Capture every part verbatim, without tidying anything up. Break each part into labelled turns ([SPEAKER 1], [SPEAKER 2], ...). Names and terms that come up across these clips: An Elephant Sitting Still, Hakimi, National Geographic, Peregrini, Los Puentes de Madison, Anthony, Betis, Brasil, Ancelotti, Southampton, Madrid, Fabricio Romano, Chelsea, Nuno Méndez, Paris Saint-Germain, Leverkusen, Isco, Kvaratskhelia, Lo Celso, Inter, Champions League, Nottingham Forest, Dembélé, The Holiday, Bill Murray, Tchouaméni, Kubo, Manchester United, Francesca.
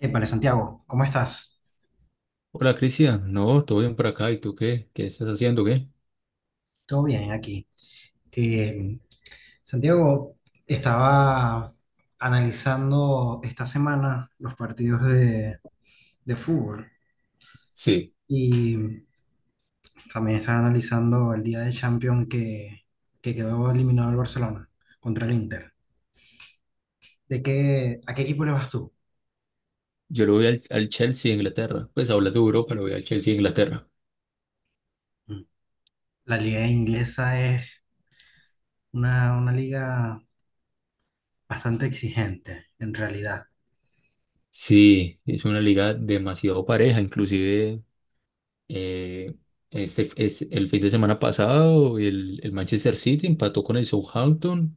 [SPEAKER 1] Épale, Santiago, ¿cómo estás?
[SPEAKER 2] Hola Cristian, no, todo bien por acá. ¿Y tú qué? ¿Qué estás haciendo? ¿Qué?
[SPEAKER 1] Todo bien aquí. Eh, Santiago, estaba analizando esta semana los partidos de, de fútbol
[SPEAKER 2] Sí,
[SPEAKER 1] y también estaba analizando el día de Champions que, que quedó eliminado el Barcelona contra el Inter. ¿De qué, ¿a qué equipo le vas tú?
[SPEAKER 2] yo lo voy al, al Chelsea de Inglaterra. Pues hablas de Europa, lo voy al Chelsea de Inglaterra.
[SPEAKER 1] Mm. La liga inglesa es una, una liga bastante exigente, en realidad.
[SPEAKER 2] Sí, es una liga demasiado pareja. Inclusive eh, este, es el fin de semana pasado el, el Manchester City empató con el Southampton,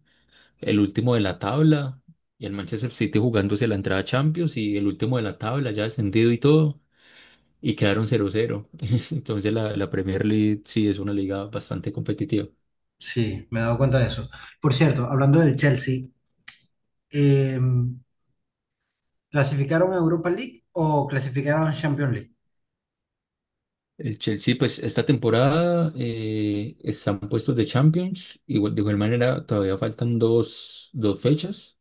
[SPEAKER 2] el último de la tabla, y el Manchester City jugándose la entrada a Champions y el último de la tabla ya descendido y todo. Y quedaron cero cero. Entonces la, la Premier League sí es una liga bastante competitiva.
[SPEAKER 1] Sí, me he dado cuenta de eso. Por cierto, hablando del Chelsea, Eh, ¿clasificaron a Europa League o clasificaron a Champions League?
[SPEAKER 2] El Chelsea, pues esta temporada eh, están puestos de Champions, igual, de igual manera todavía faltan dos, dos fechas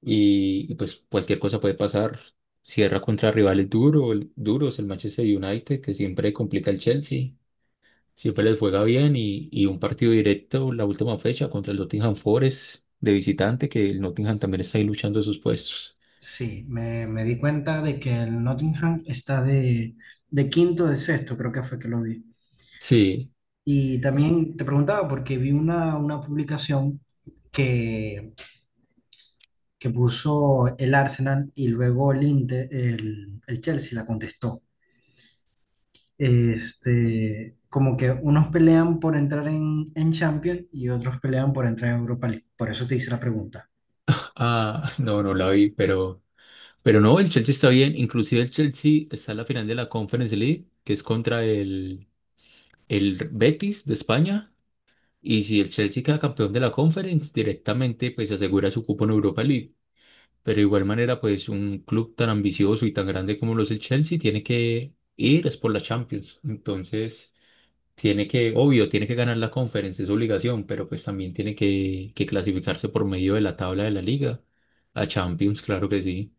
[SPEAKER 2] y, y, pues cualquier cosa puede pasar. Cierra contra rivales duro, el- duros, el Manchester United, que siempre complica el Chelsea, siempre les juega bien y, y un partido directo la última fecha contra el Nottingham Forest de visitante, que el Nottingham también está ahí luchando sus puestos.
[SPEAKER 1] Sí, me, me di cuenta de que el Nottingham está de, de quinto de sexto, creo que fue que lo vi.
[SPEAKER 2] Sí,
[SPEAKER 1] Y también te preguntaba porque vi una, una publicación que, que puso el Arsenal y luego el, Inte- el, el Chelsea la contestó. Este, como que unos pelean por entrar en, en Champions y otros pelean por entrar en Europa League. Por eso te hice la pregunta.
[SPEAKER 2] ah, no, no la vi, pero... Pero no, el Chelsea está bien. Inclusive el Chelsea está en la final de la Conference League, que es contra el, el Betis de España. Y si el Chelsea queda campeón de la Conference, directamente pues asegura su cupo en Europa League. Pero de igual manera, pues un club tan ambicioso y tan grande como lo es el Chelsea tiene que ir es por la Champions. Entonces, tiene que, obvio, tiene que ganar la Conference, es obligación, pero pues también tiene que, que clasificarse por medio de la tabla de la liga. A Champions, claro que sí.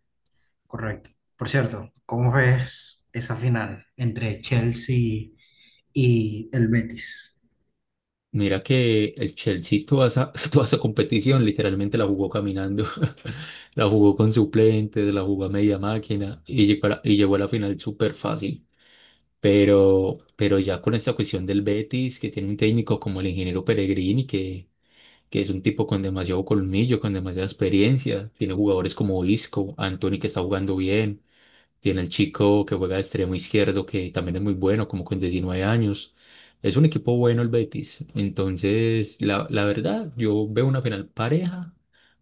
[SPEAKER 1] Correcto. Por cierto, ¿cómo ves esa final entre Chelsea y el Betis?
[SPEAKER 2] Mira que el Chelsea toda esa, toda esa competición literalmente la jugó caminando, la jugó con suplentes, la jugó a media máquina y llegó a la, y llegó a la final súper fácil. Pero, pero ya con esta cuestión del Betis, que tiene un técnico como el ingeniero Peregrini, que, que es un tipo con demasiado colmillo, con demasiada experiencia, tiene jugadores como Isco, Anthony que está jugando bien, tiene el chico que juega de extremo izquierdo, que también es muy bueno, como con diecinueve años. Es un equipo bueno el Betis. Entonces, la, la verdad, yo veo una final pareja,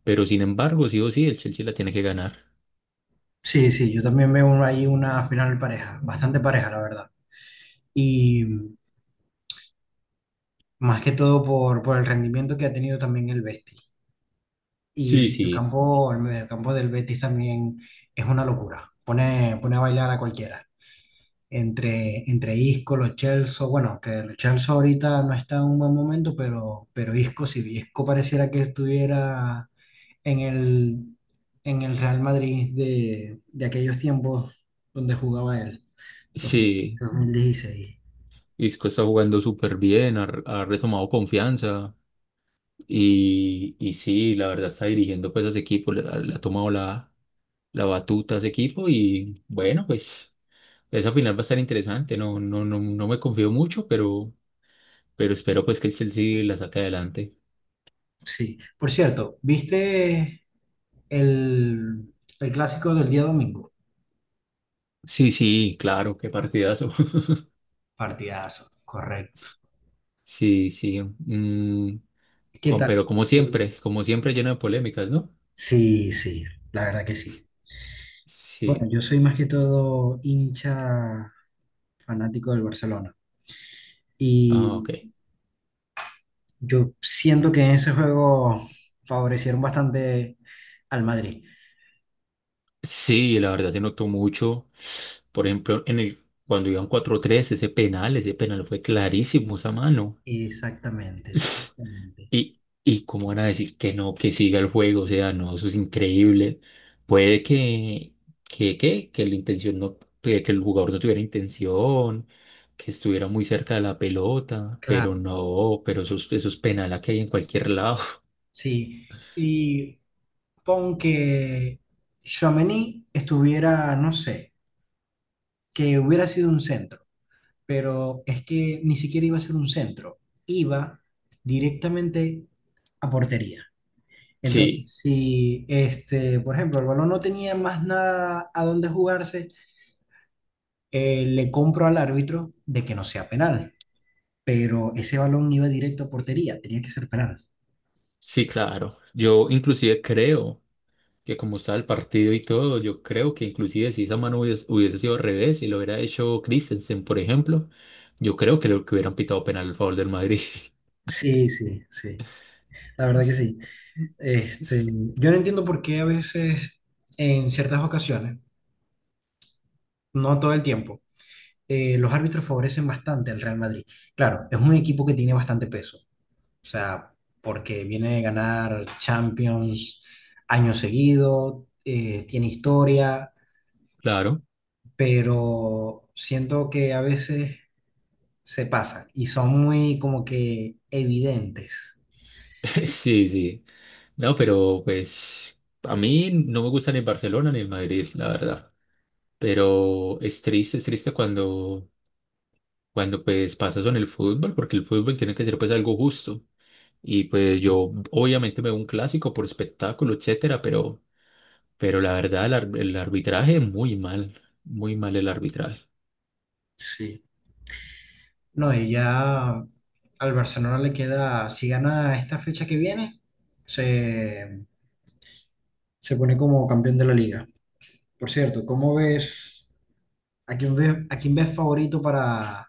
[SPEAKER 2] pero sin embargo, sí o sí, el Chelsea la tiene que ganar.
[SPEAKER 1] Sí, sí, yo también veo un- ahí una final pareja, bastante pareja, la verdad. Y más que todo por, por el rendimiento que ha tenido también el Betis. Y el
[SPEAKER 2] Sí, sí.
[SPEAKER 1] mediocampo, el mediocampo del Betis también es una locura. Pone, pone a bailar a cualquiera. Entre, entre Isco, Lo Celso, bueno, que Lo Celso ahorita no está en un buen momento, pero, pero Isco, si Isco pareciera que estuviera en el, en el Real Madrid de, de aquellos tiempos donde jugaba él, dos mil,
[SPEAKER 2] Sí,
[SPEAKER 1] dos mil dieciséis.
[SPEAKER 2] Isco está jugando súper bien, ha, ha retomado confianza y, y sí, la verdad está dirigiendo pues a ese equipo, le, ha le ha tomado la, la batuta a ese equipo y bueno, pues esa final va a estar interesante, no, no, no, no me confío mucho, pero, pero espero pues que el Chelsea la saque adelante.
[SPEAKER 1] Sí. Por cierto, ¿viste el, el clásico del día domingo?
[SPEAKER 2] Sí, sí, claro, qué partidazo.
[SPEAKER 1] Partidazo, correcto.
[SPEAKER 2] Sí, sí, mm,
[SPEAKER 1] ¿Qué
[SPEAKER 2] con-
[SPEAKER 1] tal?
[SPEAKER 2] pero como siempre, como siempre lleno de polémicas, ¿no?
[SPEAKER 1] Sí, sí, la verdad que sí. Bueno,
[SPEAKER 2] Sí,
[SPEAKER 1] yo soy más que todo hincha fanático del Barcelona.
[SPEAKER 2] ah,
[SPEAKER 1] Y
[SPEAKER 2] ok.
[SPEAKER 1] yo siento que en ese juego favorecieron bastante al Madrid.
[SPEAKER 2] Sí, la verdad se notó mucho. Por ejemplo, en el, cuando iban cuatro tres ese penal, ese penal fue clarísimo, esa mano.
[SPEAKER 1] Exactamente, exactamente.
[SPEAKER 2] Y, y cómo van a decir que no, que siga el juego, o sea, no, eso es increíble. Puede que, que, que, que la intención no, que que el jugador no tuviera intención, que estuviera muy cerca de la pelota, pero
[SPEAKER 1] Claro,
[SPEAKER 2] no, pero eso, es- eso es penal a que hay en cualquier lado.
[SPEAKER 1] sí. Y pon que Tchouaméni estuviera, no sé, que hubiera sido un centro, pero es que ni siquiera iba a ser un centro, iba directamente a portería. Entonces,
[SPEAKER 2] Sí,
[SPEAKER 1] si este, por ejemplo, el balón no tenía más nada a dónde jugarse, eh, le compro al árbitro de que no sea penal, pero ese balón iba directo a portería, tenía que ser penal.
[SPEAKER 2] sí, claro. Yo inclusive creo que como estaba el partido y todo, yo creo que inclusive si esa mano hubiese, hubiese sido al revés y lo hubiera hecho Christensen, por ejemplo, yo creo que lo que hubieran pitado penal a favor del Madrid.
[SPEAKER 1] Sí, sí, sí, la verdad que
[SPEAKER 2] S-
[SPEAKER 1] sí. Este,
[SPEAKER 2] s-
[SPEAKER 1] yo no entiendo por qué a veces, en ciertas ocasiones, no todo el tiempo, eh, los árbitros favorecen bastante al Real Madrid. Claro, es un equipo que tiene bastante peso, o sea, porque viene de ganar Champions años seguido, eh, tiene historia,
[SPEAKER 2] Claro,
[SPEAKER 1] pero siento que a veces se pasan y son muy como que evidentes.
[SPEAKER 2] sí, sí. No, pero pues a mí no me gusta ni el Barcelona ni el Madrid, la verdad. Pero es triste, es triste cuando, cuando pues pasa eso en el fútbol, porque el fútbol tiene que ser pues algo justo. Y pues yo obviamente me veo un clásico por espectáculo, etcétera, pero, pero la verdad el, ar- el arbitraje muy mal, muy mal el arbitraje.
[SPEAKER 1] Sí. No, y ya al Barcelona le queda, si gana esta fecha que viene, se, se pone como campeón de la liga. Por cierto, ¿cómo ves, ¿a quién ves, a quién ves favorito para,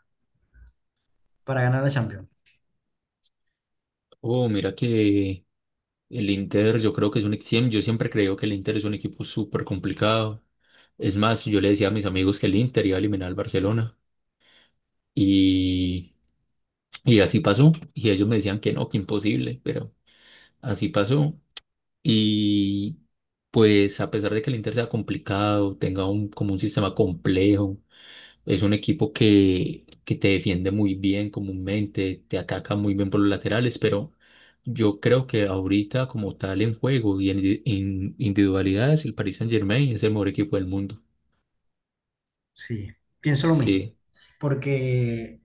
[SPEAKER 1] para ganar la Champions?
[SPEAKER 2] Oh, mira que el Inter, yo creo que es un equipo, yo siempre creo que el Inter es un equipo súper complicado. Es más, yo le decía a mis amigos que el Inter iba a eliminar al Barcelona y, y así pasó. Y ellos me decían que no, que imposible, pero así pasó. Y pues a pesar de que el Inter sea complicado, tenga un, como un sistema complejo, es un equipo que, que te defiende muy bien comúnmente, te ataca muy bien por los laterales, pero yo creo que ahorita como tal en juego y en, indi- en individualidades, el Paris Saint-Germain es el mejor equipo del mundo.
[SPEAKER 1] Sí, pienso lo mismo,
[SPEAKER 2] Sí,
[SPEAKER 1] porque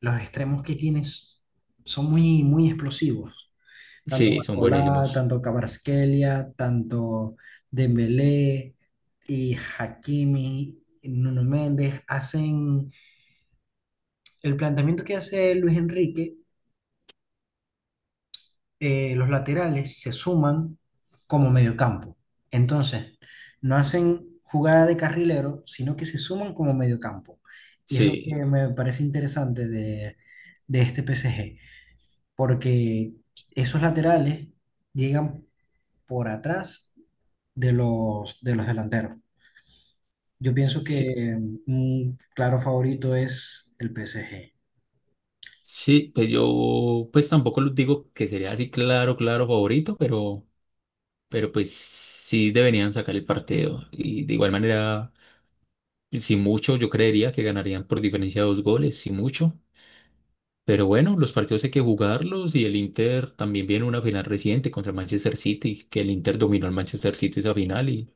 [SPEAKER 1] los extremos que tienes son muy, muy explosivos. Tanto
[SPEAKER 2] sí, son
[SPEAKER 1] Barcolá,
[SPEAKER 2] buenísimos.
[SPEAKER 1] tanto Kvaratskhelia, tanto Dembélé y Hakimi, Nuno Méndez, hacen el planteamiento que hace Luis Enrique, eh, los laterales se suman como mediocampo. Entonces, no hacen jugada de carrilero, sino que se suman como mediocampo. Y es lo
[SPEAKER 2] Sí,
[SPEAKER 1] que me parece interesante de, de este P S G, porque esos laterales llegan por atrás de los, de los delanteros. Yo pienso
[SPEAKER 2] sí,
[SPEAKER 1] que un claro favorito es el P S G.
[SPEAKER 2] sí, pues yo pues tampoco los digo que sería así claro, claro favorito, pero, pero pues sí deberían sacar el partido. Y de igual manera, si mucho, yo creería que ganarían por diferencia de dos goles, si mucho. Pero bueno, los partidos hay que jugarlos y el Inter también viene una final reciente contra el Manchester City, que el Inter dominó al Manchester City esa final, y,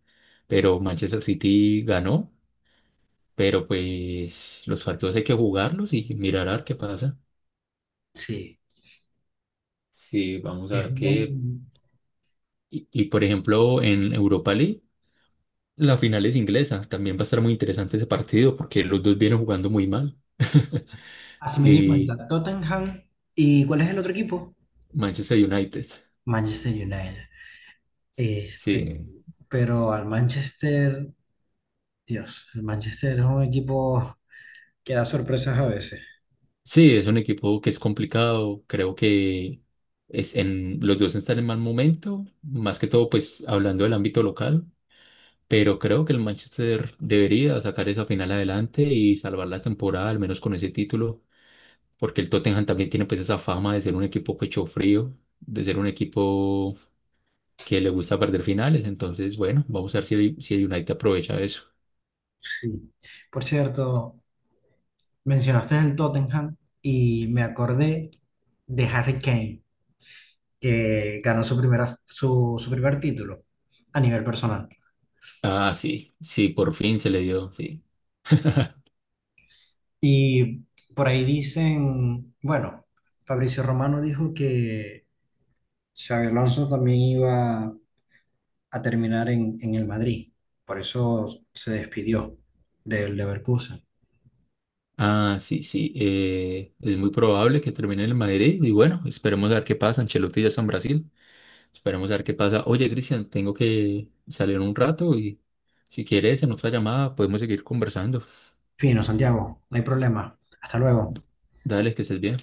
[SPEAKER 2] pero Manchester City ganó. Pero pues los partidos hay que jugarlos y mirar a ver qué pasa.
[SPEAKER 1] Sí,
[SPEAKER 2] Sí, vamos a
[SPEAKER 1] es
[SPEAKER 2] ver qué.
[SPEAKER 1] un-
[SPEAKER 2] Y, y, por ejemplo, en Europa League, la final es inglesa. También va a estar muy interesante ese partido porque los dos vienen jugando muy mal.
[SPEAKER 1] así me di
[SPEAKER 2] Y
[SPEAKER 1] cuenta, Tottenham. ¿Y cuál es el otro equipo?
[SPEAKER 2] Manchester United.
[SPEAKER 1] Manchester United. Este,
[SPEAKER 2] Sí,
[SPEAKER 1] pero al Manchester, Dios, el Manchester es un equipo que da sorpresas a veces.
[SPEAKER 2] sí, es un equipo que es complicado. Creo que es en, los dos están en mal momento, más que todo, pues hablando del ámbito local. Pero creo que el Manchester debería sacar esa final adelante y salvar la temporada, al menos con ese título, porque el Tottenham también tiene pues esa fama de ser un equipo pecho frío, de ser un equipo que le gusta perder finales. Entonces, bueno, vamos a ver si el, si el United aprovecha eso.
[SPEAKER 1] Sí. Por cierto, mencionaste el Tottenham y me acordé de Harry Kane, que ganó su, primera, su, su primer título a nivel personal.
[SPEAKER 2] Ah, sí, sí, por fin se le dio, sí.
[SPEAKER 1] Y por ahí dicen, bueno, Fabricio Romano dijo que Xabi Alonso también iba a terminar en, en el Madrid, por eso se despidió del Leverkusen.
[SPEAKER 2] Ah, sí, sí, eh, es muy probable que termine en el Madrid y bueno, esperemos a ver qué pasa. Ancelotti ya está en Brasil, esperemos a ver qué pasa. Oye, Cristian, tengo que salir un rato y si quieres en otra llamada podemos seguir conversando.
[SPEAKER 1] Fino, Santiago, no hay problema. Hasta luego.
[SPEAKER 2] Dale, que estés bien.